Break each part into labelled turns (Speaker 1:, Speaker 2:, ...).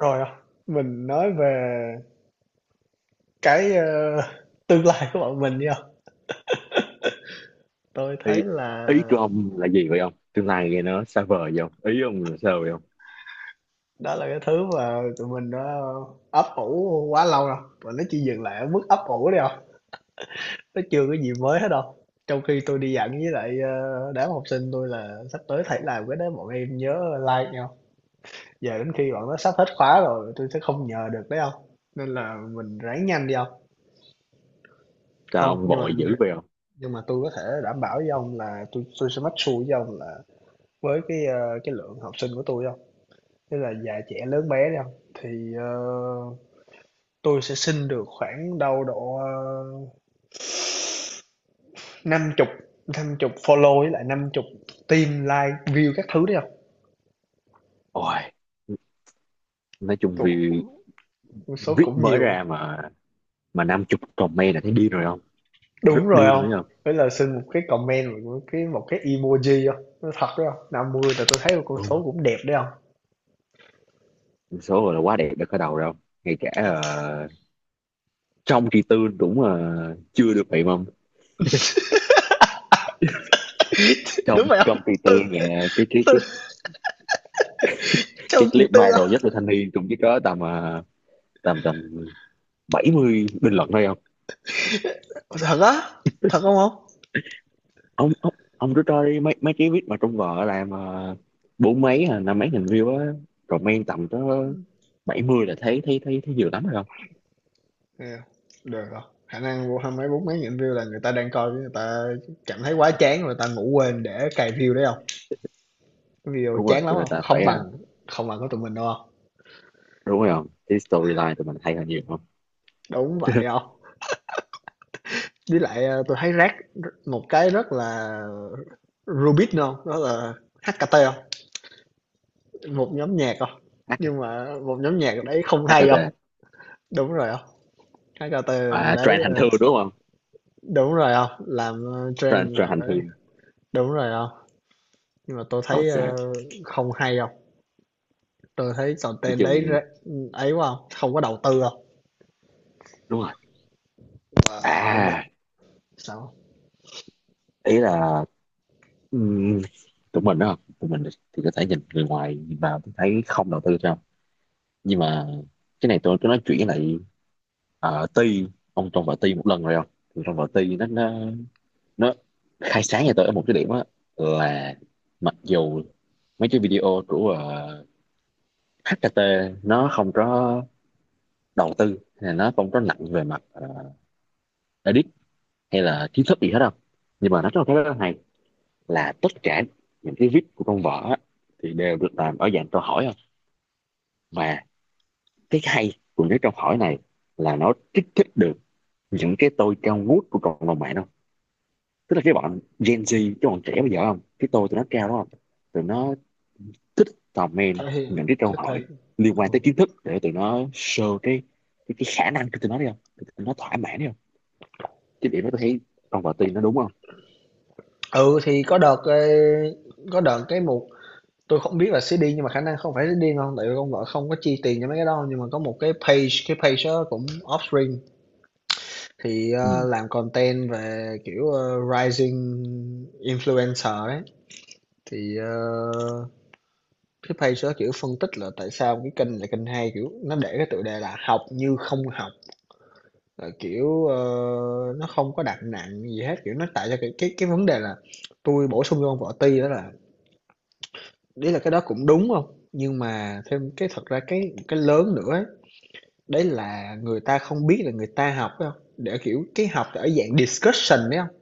Speaker 1: Rồi à, mình nói về cái, ơ, tương lai của bọn mình đi. Tôi
Speaker 2: Ý
Speaker 1: thấy là
Speaker 2: ý của ông là gì vậy ông? Tương lai nghe nó xa vời vậy ông? Ý ông là sao vậy ông?
Speaker 1: đó là cái thứ mà tụi mình đã ấp ủ quá lâu rồi, và nó chỉ dừng lại ở mức ấp ủ đi không, nó chưa có gì mới hết đâu. Trong khi tôi đi dặn với lại, đám học sinh tôi là sắp tới thầy làm cái đó bọn em nhớ like nhau, giờ đến khi bọn nó sắp hết khóa rồi tôi sẽ không nhờ được đấy không? Nên là mình ráng nhanh đi không?
Speaker 2: Sao
Speaker 1: Không,
Speaker 2: ông
Speaker 1: nhưng mà
Speaker 2: vội
Speaker 1: nhưng
Speaker 2: dữ vậy ông?
Speaker 1: nhưng mà tôi có thể đảm bảo với ông là tôi sẽ make sure với ông là với cái lượng học sinh của tôi không, tức là già trẻ lớn bé đi ông, thì, ờ, tôi sẽ xin được khoảng đâu độ, năm chục 50 follow với lại 50 tim like, view các thứ đấy không.
Speaker 2: Ôi, nói chung
Speaker 1: Thuộc
Speaker 2: vì
Speaker 1: số
Speaker 2: viết
Speaker 1: cũng
Speaker 2: mới
Speaker 1: nhiều.
Speaker 2: ra mà 50 comment là thấy điên rồi không? Rất
Speaker 1: Đúng rồi
Speaker 2: điên rồi đấy
Speaker 1: không,
Speaker 2: không?
Speaker 1: với là xin một cái comment, một cái emoji không, nó thật đó, 50 là tôi thấy một con số cũng đẹp đấy không.
Speaker 2: Đúng số rồi, là quá đẹp, đã khởi đầu rồi không? Ngay cả trong kỳ tư cũng chưa được vậy mà ông.
Speaker 1: Đúng
Speaker 2: Trong
Speaker 1: vậy không
Speaker 2: trong kỳ tư
Speaker 1: tư
Speaker 2: nghe cái cái
Speaker 1: tư
Speaker 2: cái
Speaker 1: trong
Speaker 2: cái clip
Speaker 1: tư
Speaker 2: viral
Speaker 1: ông.
Speaker 2: nhất là thanh niên cũng chỉ có tầm tầm tầm 70 bình luận thôi không.
Speaker 1: Thật á, thật không ông?
Speaker 2: Ông cứ coi mấy mấy cái viết mà trong vợ làm uh, bốn mấy à, năm mấy nghìn view á, rồi men tầm tới 70 là thấy thấy thấy thấy nhiều lắm rồi không.
Speaker 1: Yeah. Được rồi. Khả năng vô hai mấy bốn mấy nghìn view là người ta đang coi, người ta cảm thấy quá chán rồi, người ta ngủ quên để cài view đấy không? Cái video
Speaker 2: Đúng rồi,
Speaker 1: chán lắm
Speaker 2: cho nên
Speaker 1: không?
Speaker 2: ta
Speaker 1: Không
Speaker 2: phải à,
Speaker 1: bằng không bằng của tụi mình đâu không?
Speaker 2: đúng rồi không, cái storyline tụi mình hay hơn nhiều không.
Speaker 1: Đúng vậy không? Với lại tôi thấy rác một cái rất là Rubik nữa không? Đó là HKT không? Một nhóm nhạc không?
Speaker 2: H-
Speaker 1: Nhưng mà một nhóm nhạc đấy không hay không?
Speaker 2: HRT.
Speaker 1: Đúng rồi không? HKT
Speaker 2: À,
Speaker 1: đấy
Speaker 2: trend hành thương đúng không?
Speaker 1: đúng rồi không? Làm
Speaker 2: trend
Speaker 1: trend
Speaker 2: trend
Speaker 1: gọi
Speaker 2: hành
Speaker 1: là
Speaker 2: thương.
Speaker 1: đúng rồi không? Nhưng mà tôi thấy
Speaker 2: Ok,
Speaker 1: không hay không? Tôi thấy
Speaker 2: nói
Speaker 1: content đấy
Speaker 2: chung,
Speaker 1: ra ấy quá hông? Không có đầu tư không.
Speaker 2: đúng rồi,
Speaker 1: Và cũng vẫn
Speaker 2: à,
Speaker 1: sao?
Speaker 2: ý là ừm, tụi mình đó, tụi mình thì có thể nhìn, người ngoài nhìn vào thấy không đầu tư sao, nhưng mà cái này tôi cứ nói chuyện lại. Ti, ông trong vở Ti một lần rồi không, thì trong vở Ti nó nó khai sáng cho tôi ở một cái điểm á, là mặc dù mấy cái video của HKT nó không có đầu tư, hay là nó không có nặng về mặt edit hay là kiến thức gì hết đâu, nhưng mà nó có một cái rất hay, là tất cả những cái viết của trong vở á, thì đều được làm ở dạng câu hỏi không. Và cái hay của những câu hỏi này là nó kích thích được những cái tôi cao ngút của cộng đồng mạng, tức là cái bọn Gen Z, cái bọn trẻ bây giờ không, cái tôi tụi nó cao đó không, tụi nó thích comment
Speaker 1: Thấy hiện
Speaker 2: những cái câu
Speaker 1: thích thể
Speaker 2: hỏi liên quan
Speaker 1: ừ.
Speaker 2: tới kiến thức để tụi nó show cái cái khả năng của tụi nó đi không, tụi nó thỏa mãn đi không. Cái điểm đó tôi thấy con vợ tiên nó đúng không.
Speaker 1: Ừ, thì có đợt, ê, có đợt cái mục tôi không biết là xí điên, nhưng mà khả năng không phải xí điên đâu, tại vì con vợ không có chi tiền cho mấy cái đó, nhưng mà có một cái page đó cũng offspring thì,
Speaker 2: Ừ.
Speaker 1: làm content về, kiểu, rising influencer ấy. Thì, cái page đó, kiểu, phân tích là tại sao cái kênh là kênh hay, kiểu, nó để cái tựa đề là "Học như không học". Là kiểu nó không có đặt nặng gì hết, kiểu nó tạo ra cái vấn đề là tôi bổ sung cho ông võ ti đó là đấy là cái đó cũng đúng không, nhưng mà thêm cái thật ra cái lớn nữa ấy, đấy là người ta không biết là người ta học phải không, để kiểu cái học ở dạng discussion đấy không.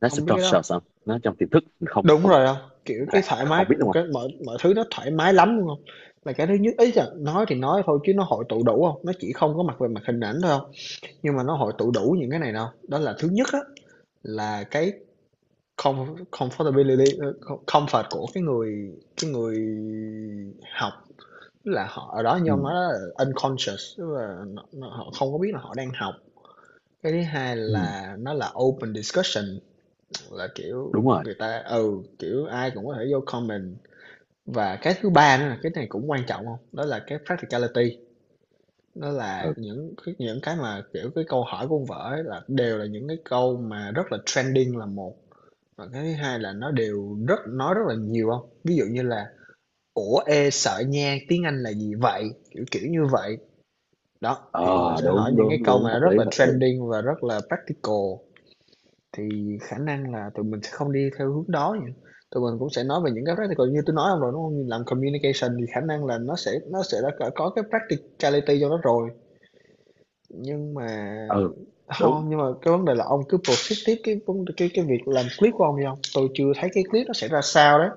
Speaker 2: Nó sẽ
Speaker 1: Ông biết cái đó không?
Speaker 2: conscious không, nó trong tiềm thức mình không
Speaker 1: Đúng
Speaker 2: không
Speaker 1: rồi không, kiểu
Speaker 2: là
Speaker 1: cái thoải mái,
Speaker 2: không biết đúng
Speaker 1: cái
Speaker 2: không.
Speaker 1: mọi mọi thứ nó thoải mái lắm, đúng không? Là cái thứ nhất ấy, là nói thì nói thôi chứ nó hội tụ đủ không, nó chỉ không có mặt về mặt hình ảnh thôi không, nhưng mà nó hội tụ đủ những cái này đâu, đó là thứ nhất á, là cái comfortability comfort của cái người học, là họ ở đó như ông nói
Speaker 2: Ừ.
Speaker 1: đó là unconscious, tức là họ không có biết là họ đang học. Cái thứ hai
Speaker 2: Ừ.
Speaker 1: là nó là open discussion, là kiểu
Speaker 2: Đúng rồi.
Speaker 1: người ta ừ kiểu ai cũng có thể vô comment. Và cái thứ ba nữa là cái này cũng quan trọng không, đó là cái practicality, đó là
Speaker 2: Ừ.
Speaker 1: những cái mà kiểu cái câu hỏi của ông vợ ấy là đều là những cái câu mà rất là trending là một. Và cái thứ hai là nó đều rất nói rất là nhiều không. Ví dụ như là "Ủa, ê, sợ nha, tiếng Anh là gì vậy?" Kiểu, kiểu như vậy. Đó, thì họ
Speaker 2: Ờ,
Speaker 1: sẽ hỏi
Speaker 2: đúng
Speaker 1: những cái
Speaker 2: đúng
Speaker 1: câu
Speaker 2: đúng,
Speaker 1: mà
Speaker 2: hợp
Speaker 1: rất
Speaker 2: lý
Speaker 1: là
Speaker 2: hợp lý.
Speaker 1: trending và rất là practical, thì khả năng là tụi mình sẽ không đi theo hướng đó nhỉ. Tụi mình cũng sẽ nói về những cái practical như tôi nói ông rồi, đúng hông? Làm communication thì khả năng là nó sẽ đã có cái practicality cho nó rồi, nhưng mà
Speaker 2: Ừ. Đúng.
Speaker 1: không, nhưng mà cái vấn đề là ông cứ proceed tiếp cái việc làm clip của ông đi không, tôi chưa thấy cái clip nó sẽ ra sao đấy.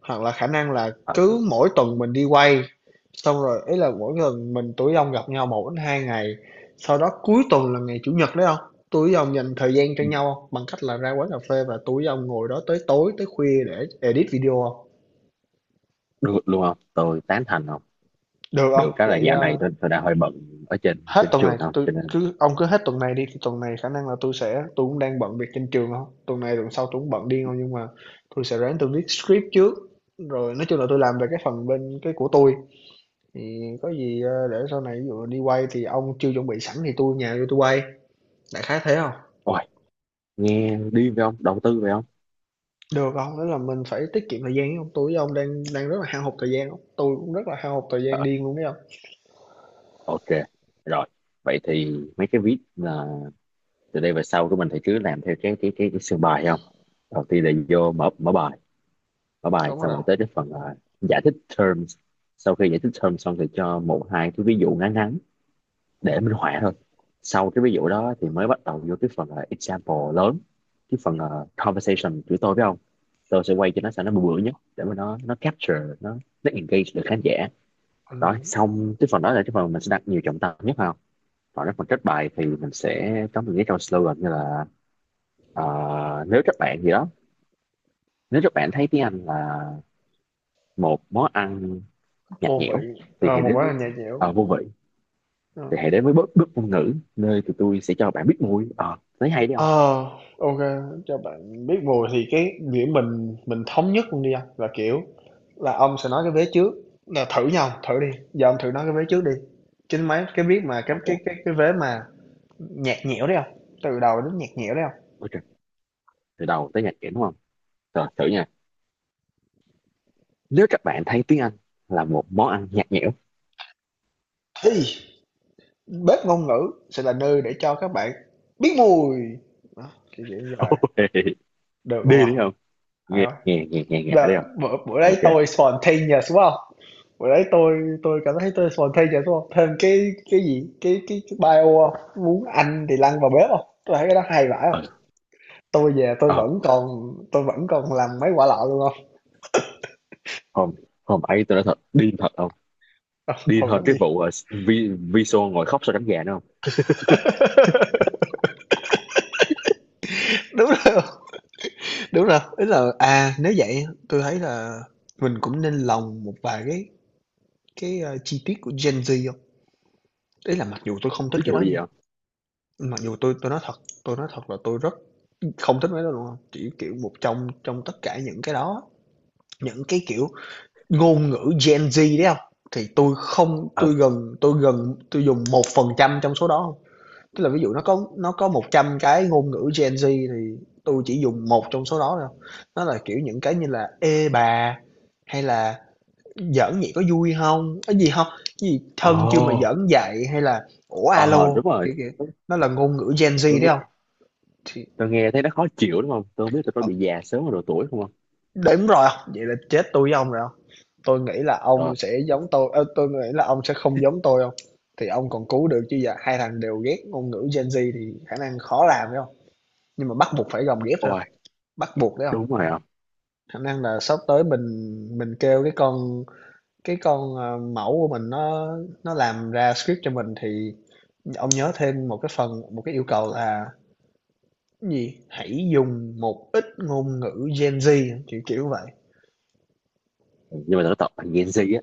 Speaker 1: Hoặc là khả năng là
Speaker 2: Ờ.
Speaker 1: cứ mỗi tuần mình đi quay, xong rồi ấy là mỗi lần mình tụi ông gặp nhau một đến hai ngày, sau đó cuối tuần là ngày Chủ nhật đấy không. Tụi ông dành thời gian cho
Speaker 2: Ừ.
Speaker 1: nhau hông? Bằng cách là ra quán cà phê và tụi ông ngồi đó tới tối, tới khuya để edit video không.
Speaker 2: Được luôn không, tôi tán thành không.
Speaker 1: Được
Speaker 2: Được
Speaker 1: không?
Speaker 2: cái là
Speaker 1: Vậy,
Speaker 2: dạo này tôi đang hơi bận ở trên
Speaker 1: hết
Speaker 2: trên
Speaker 1: tuần
Speaker 2: trường
Speaker 1: này
Speaker 2: không,
Speaker 1: tôi
Speaker 2: cho nên.
Speaker 1: cứ ông cứ hết tuần này đi, thì tuần này khả năng là tôi sẽ tôi cũng đang bận việc trên trường không, tuần này tuần sau tôi cũng bận điên không, nhưng mà tôi sẽ ráng tui viết script trước, rồi nói chung là tôi làm về cái phần bên cái của tôi, thì có gì để sau này ví dụ đi quay thì ông chưa chuẩn bị sẵn thì tôi nhà tôi quay, đại khái thế không.
Speaker 2: Ôi, nghe điên phải không? Đầu tư phải không?
Speaker 1: Được không, đó là mình phải tiết kiệm thời gian chứ không tôi với ông đang đang rất là hao hụt thời gian đó. Tôi cũng rất là hao hụt thời gian
Speaker 2: Ờ,
Speaker 1: điên luôn đấy không.
Speaker 2: ok, rồi. Vậy thì mấy cái viết là từ đây về sau của mình thì cứ làm theo cái sườn bài không? Đầu tiên là vô mở mở bài
Speaker 1: Đúng
Speaker 2: xong
Speaker 1: rồi
Speaker 2: rồi
Speaker 1: không,
Speaker 2: tới cái phần là giải thích terms. Sau khi giải thích terms xong thì cho một hai cái ví dụ ngắn ngắn để
Speaker 1: mình,
Speaker 2: minh họa thôi. Sau cái ví dụ đó thì mới bắt đầu vô cái phần là example lớn, cái phần là conversation của tôi phải không? Tôi sẽ quay cho nó sao nó bự bự nhất để mà nó capture nó engage được khán giả. Rồi
Speaker 1: mình
Speaker 2: xong cái phần đó là cái phần mình sẽ đặt nhiều trọng tâm nhất không? Còn cái phần kết bài thì mình sẽ có một cái câu slogan như là ờ, nếu các bạn gì đó, nếu các bạn thấy tiếng Anh là một món ăn nhạt
Speaker 1: vô
Speaker 2: nhẽo
Speaker 1: vị
Speaker 2: thì hãy
Speaker 1: một
Speaker 2: đến
Speaker 1: món là
Speaker 2: với
Speaker 1: nhà nhẽo.
Speaker 2: vô vị, thì
Speaker 1: Ờ.
Speaker 2: hãy đến với bước bước ngôn ngữ, nơi tụi tôi sẽ cho bạn biết mùi. Ờ Thấy hay đấy không.
Speaker 1: Ờ, ok, cho bạn biết mùi thì cái điểm mình thống nhất luôn đi anh, là kiểu là ông sẽ nói cái vế trước, là thử nhau, thử đi. Giờ ông thử nói cái vế trước đi. Chính mấy cái biết mà cái cái
Speaker 2: Ok.
Speaker 1: cái cái vế mà nhạt nhẽo đấy không. Từ đầu đến nhạt nhẽo đấy không.
Speaker 2: Ok, từ đầu tới nhạt nhẽo đúng không, rồi thử nha. Nếu các bạn thấy tiếng Anh là một món ăn nhạt nhẽo.
Speaker 1: Thì bếp ngôn ngữ sẽ là nơi để cho các bạn biết mùi. Đó, kiểu, kiểu như vậy. Được không
Speaker 2: Đi đấy
Speaker 1: hông?
Speaker 2: không.
Speaker 1: Hay
Speaker 2: nghe
Speaker 1: không?
Speaker 2: nghe nghe nghe nghe đấy
Speaker 1: Là
Speaker 2: không.
Speaker 1: bữa bữa đấy
Speaker 2: Ok.
Speaker 1: tôi spontaneous, đúng không? Bữa đấy tôi cảm thấy tôi spontaneous, đúng không? Thêm cái gì, cái bio hông? Muốn ăn thì lăn vào bếp không? Tôi thấy cái đó hay vãi
Speaker 2: ờ,
Speaker 1: không? Tôi về
Speaker 2: ờ,
Speaker 1: tôi vẫn còn làm mấy quả lọ luôn không?
Speaker 2: không không ấy, tôi nói thật điên thật không,
Speaker 1: Ờ,
Speaker 2: điên
Speaker 1: hồi đó
Speaker 2: hơn cái
Speaker 1: thì
Speaker 2: vụ vi Viso ngồi khóc sau đánh gà nữa không.
Speaker 1: đúng rồi. Đúng rồi, ý là, à, nếu vậy tôi thấy là mình cũng nên lồng một vài cái chi tiết của Gen Z không. Ý là mặc dù tôi không thích
Speaker 2: Ví
Speaker 1: cái
Speaker 2: dụ
Speaker 1: đó
Speaker 2: như vậy
Speaker 1: nha,
Speaker 2: không.
Speaker 1: mặc dù tôi nói thật, tôi nói thật là tôi rất không thích mấy cái đó luôn á, chỉ, kiểu, một trong trong tất cả những cái đó, những cái, kiểu, ngôn ngữ Gen Z đấy không, thì tôi không
Speaker 2: Ừ.
Speaker 1: tôi dùng 1% trong số đó. Tức là ví dụ nó có 100 cái ngôn ngữ Gen Z, thì tôi chỉ dùng một trong số đó thôi. Nó là, kiểu, những cái như là "Ê bà" hay là "Giỡn vậy có vui không? Cái gì không, cái gì
Speaker 2: Ờ
Speaker 1: "Thân chưa mà
Speaker 2: ồ.
Speaker 1: giỡn dạy", hay là "Ủa alo",
Speaker 2: Ờ, đúng rồi.
Speaker 1: kiểu kiểu.
Speaker 2: tôi,
Speaker 1: Nó là ngôn ngữ Gen
Speaker 2: tôi
Speaker 1: Z đấy
Speaker 2: nghe
Speaker 1: không. Thì
Speaker 2: tôi nghe thấy nó khó chịu đúng không, tôi không biết tôi có
Speaker 1: ờ,
Speaker 2: bị già sớm vào độ tuổi không không
Speaker 1: đúng rồi, không vậy là chết tôi với ông rồi hông? Tôi nghĩ là ông
Speaker 2: Rồi.
Speaker 1: sẽ giống tôi tôi nghĩ là ông sẽ không giống tôi không. Thì ông còn cứu được, chứ giờ hai thằng đều ghét ngôn ngữ Gen Z thì khả năng khó làm phải không. Nhưng mà bắt buộc phải gồng ghép thôi.
Speaker 2: Ôi,
Speaker 1: Bắt buộc đấy không?
Speaker 2: đúng rồi không.
Speaker 1: Khả năng là sắp tới mình kêu cái con, mẫu của mình, nó làm ra script cho mình thì ông nhớ thêm một cái phần, một cái yêu cầu là cái gì? Hãy dùng một ít ngôn ngữ Gen Z, kiểu, kiểu vậy.
Speaker 2: Nhưng mà tôi nói thật là Gen Z á,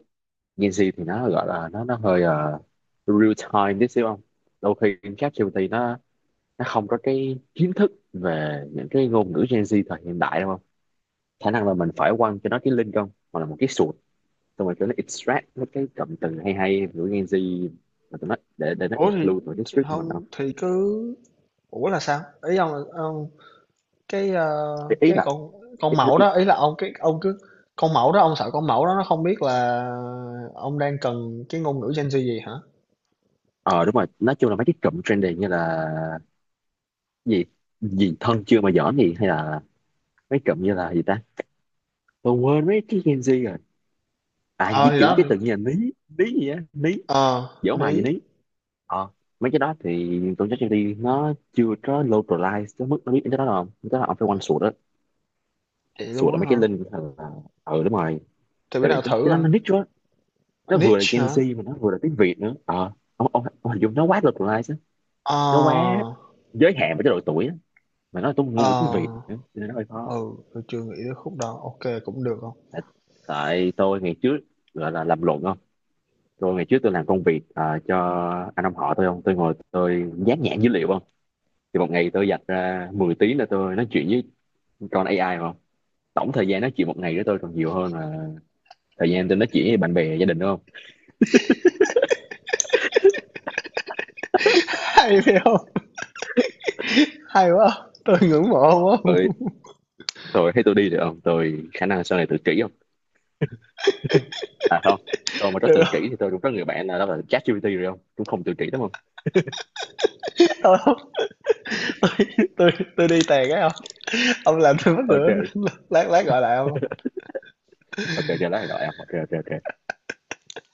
Speaker 2: Gen Z thì nó gọi là nó hơi real time tí xíu không. Đôi khi ChatGPT nó không có cái kiến thức về những cái ngôn ngữ Gen Z thời hiện đại đúng không. Khả năng là mình phải quăng cho nó cái link không, hoặc là một cái, xong rồi kiểu nó extract mấy cái cụm từ hay hay của Gen Z mà tụi nó, để nó
Speaker 1: Ủa, thì
Speaker 2: include vào cái
Speaker 1: thì
Speaker 2: script của mình
Speaker 1: hông
Speaker 2: không.
Speaker 1: thì cứ ủa là sao? Ý ông là ông cái, ơ,
Speaker 2: ý, ý
Speaker 1: cái
Speaker 2: là ý,
Speaker 1: con mẫu
Speaker 2: ý,
Speaker 1: đó, ý là ông ông cứ con mẫu đó, ông sợ con mẫu đó nó không biết là ông đang cần cái ngôn ngữ Gen Z gì hả?
Speaker 2: ờ đúng rồi, nói chung là mấy cái cụm trendy như là gì, gì thân chưa mà giỡn gì, hay là mấy cụm như là gì ta, tôi quên mấy cái Gen Z rồi, à
Speaker 1: Ờ,
Speaker 2: di
Speaker 1: thì
Speaker 2: chuyển
Speaker 1: đó,
Speaker 2: cái từ như là ní ní gì á, ní
Speaker 1: ờ,
Speaker 2: dở
Speaker 1: Ní,
Speaker 2: hoài gì ní. Ờ, mấy cái đó thì tôi chắc đi, nó chưa có localize tới mức nó biết cái đó đâu, cái đó là ông phải quanh sụt đó.
Speaker 1: vậy
Speaker 2: Sụt
Speaker 1: luôn
Speaker 2: là
Speaker 1: á
Speaker 2: mấy
Speaker 1: hả?
Speaker 2: cái link hay là. Ừ, đúng rồi.
Speaker 1: Thì bữa
Speaker 2: Tại vì
Speaker 1: nào
Speaker 2: cái,
Speaker 1: thử
Speaker 2: cái đó
Speaker 1: à.
Speaker 2: nó niche quá, nó vừa là
Speaker 1: Niche
Speaker 2: Gen
Speaker 1: hả?
Speaker 2: Z mà nó vừa là tiếng Việt nữa. Ờ ông hình dung nó quá localized á. Nó quá
Speaker 1: Ờ,
Speaker 2: giới hạn với cái độ tuổi á, mà nó là
Speaker 1: ờ,
Speaker 2: ngôn ngữ tiếng Việt nữa cho nên nó hơi khó.
Speaker 1: ừ, tôi chưa nghĩ tới khúc đó. Ô cũng được không?
Speaker 2: Tại, tại tôi ngày trước gọi là làm luận không, tôi ngày trước tôi làm công việc cho anh ông họ tôi không, tôi ngồi tôi dán nhãn dữ liệu không, thì một ngày tôi dành ra 10 tiếng là tôi nói chuyện với con AI không. Tổng thời gian nói chuyện một ngày với tôi còn nhiều hơn là thời gian tôi nói chuyện với bạn bè gia đình đúng không.
Speaker 1: Hay phải hông? Hay quá. Tôi ngưỡng mộ ông quá.
Speaker 2: Rồi, tôi thấy tôi đi được không, tôi khả năng sau này tự kỷ, à không, tôi mà rất
Speaker 1: Được
Speaker 2: tự kỷ
Speaker 1: hông?
Speaker 2: thì tôi cũng có người bạn là, đó là ChatGPT rồi không, cũng không tự kỷ đúng không.
Speaker 1: Thôi hông? Tui tui tui đi tè cái hông? Ông làm tôi mắc
Speaker 2: Ờ
Speaker 1: cười.
Speaker 2: trời.
Speaker 1: Lát lát gọi lại ông.
Speaker 2: Ờ trời trời lá này là em, ok, trời trời trời.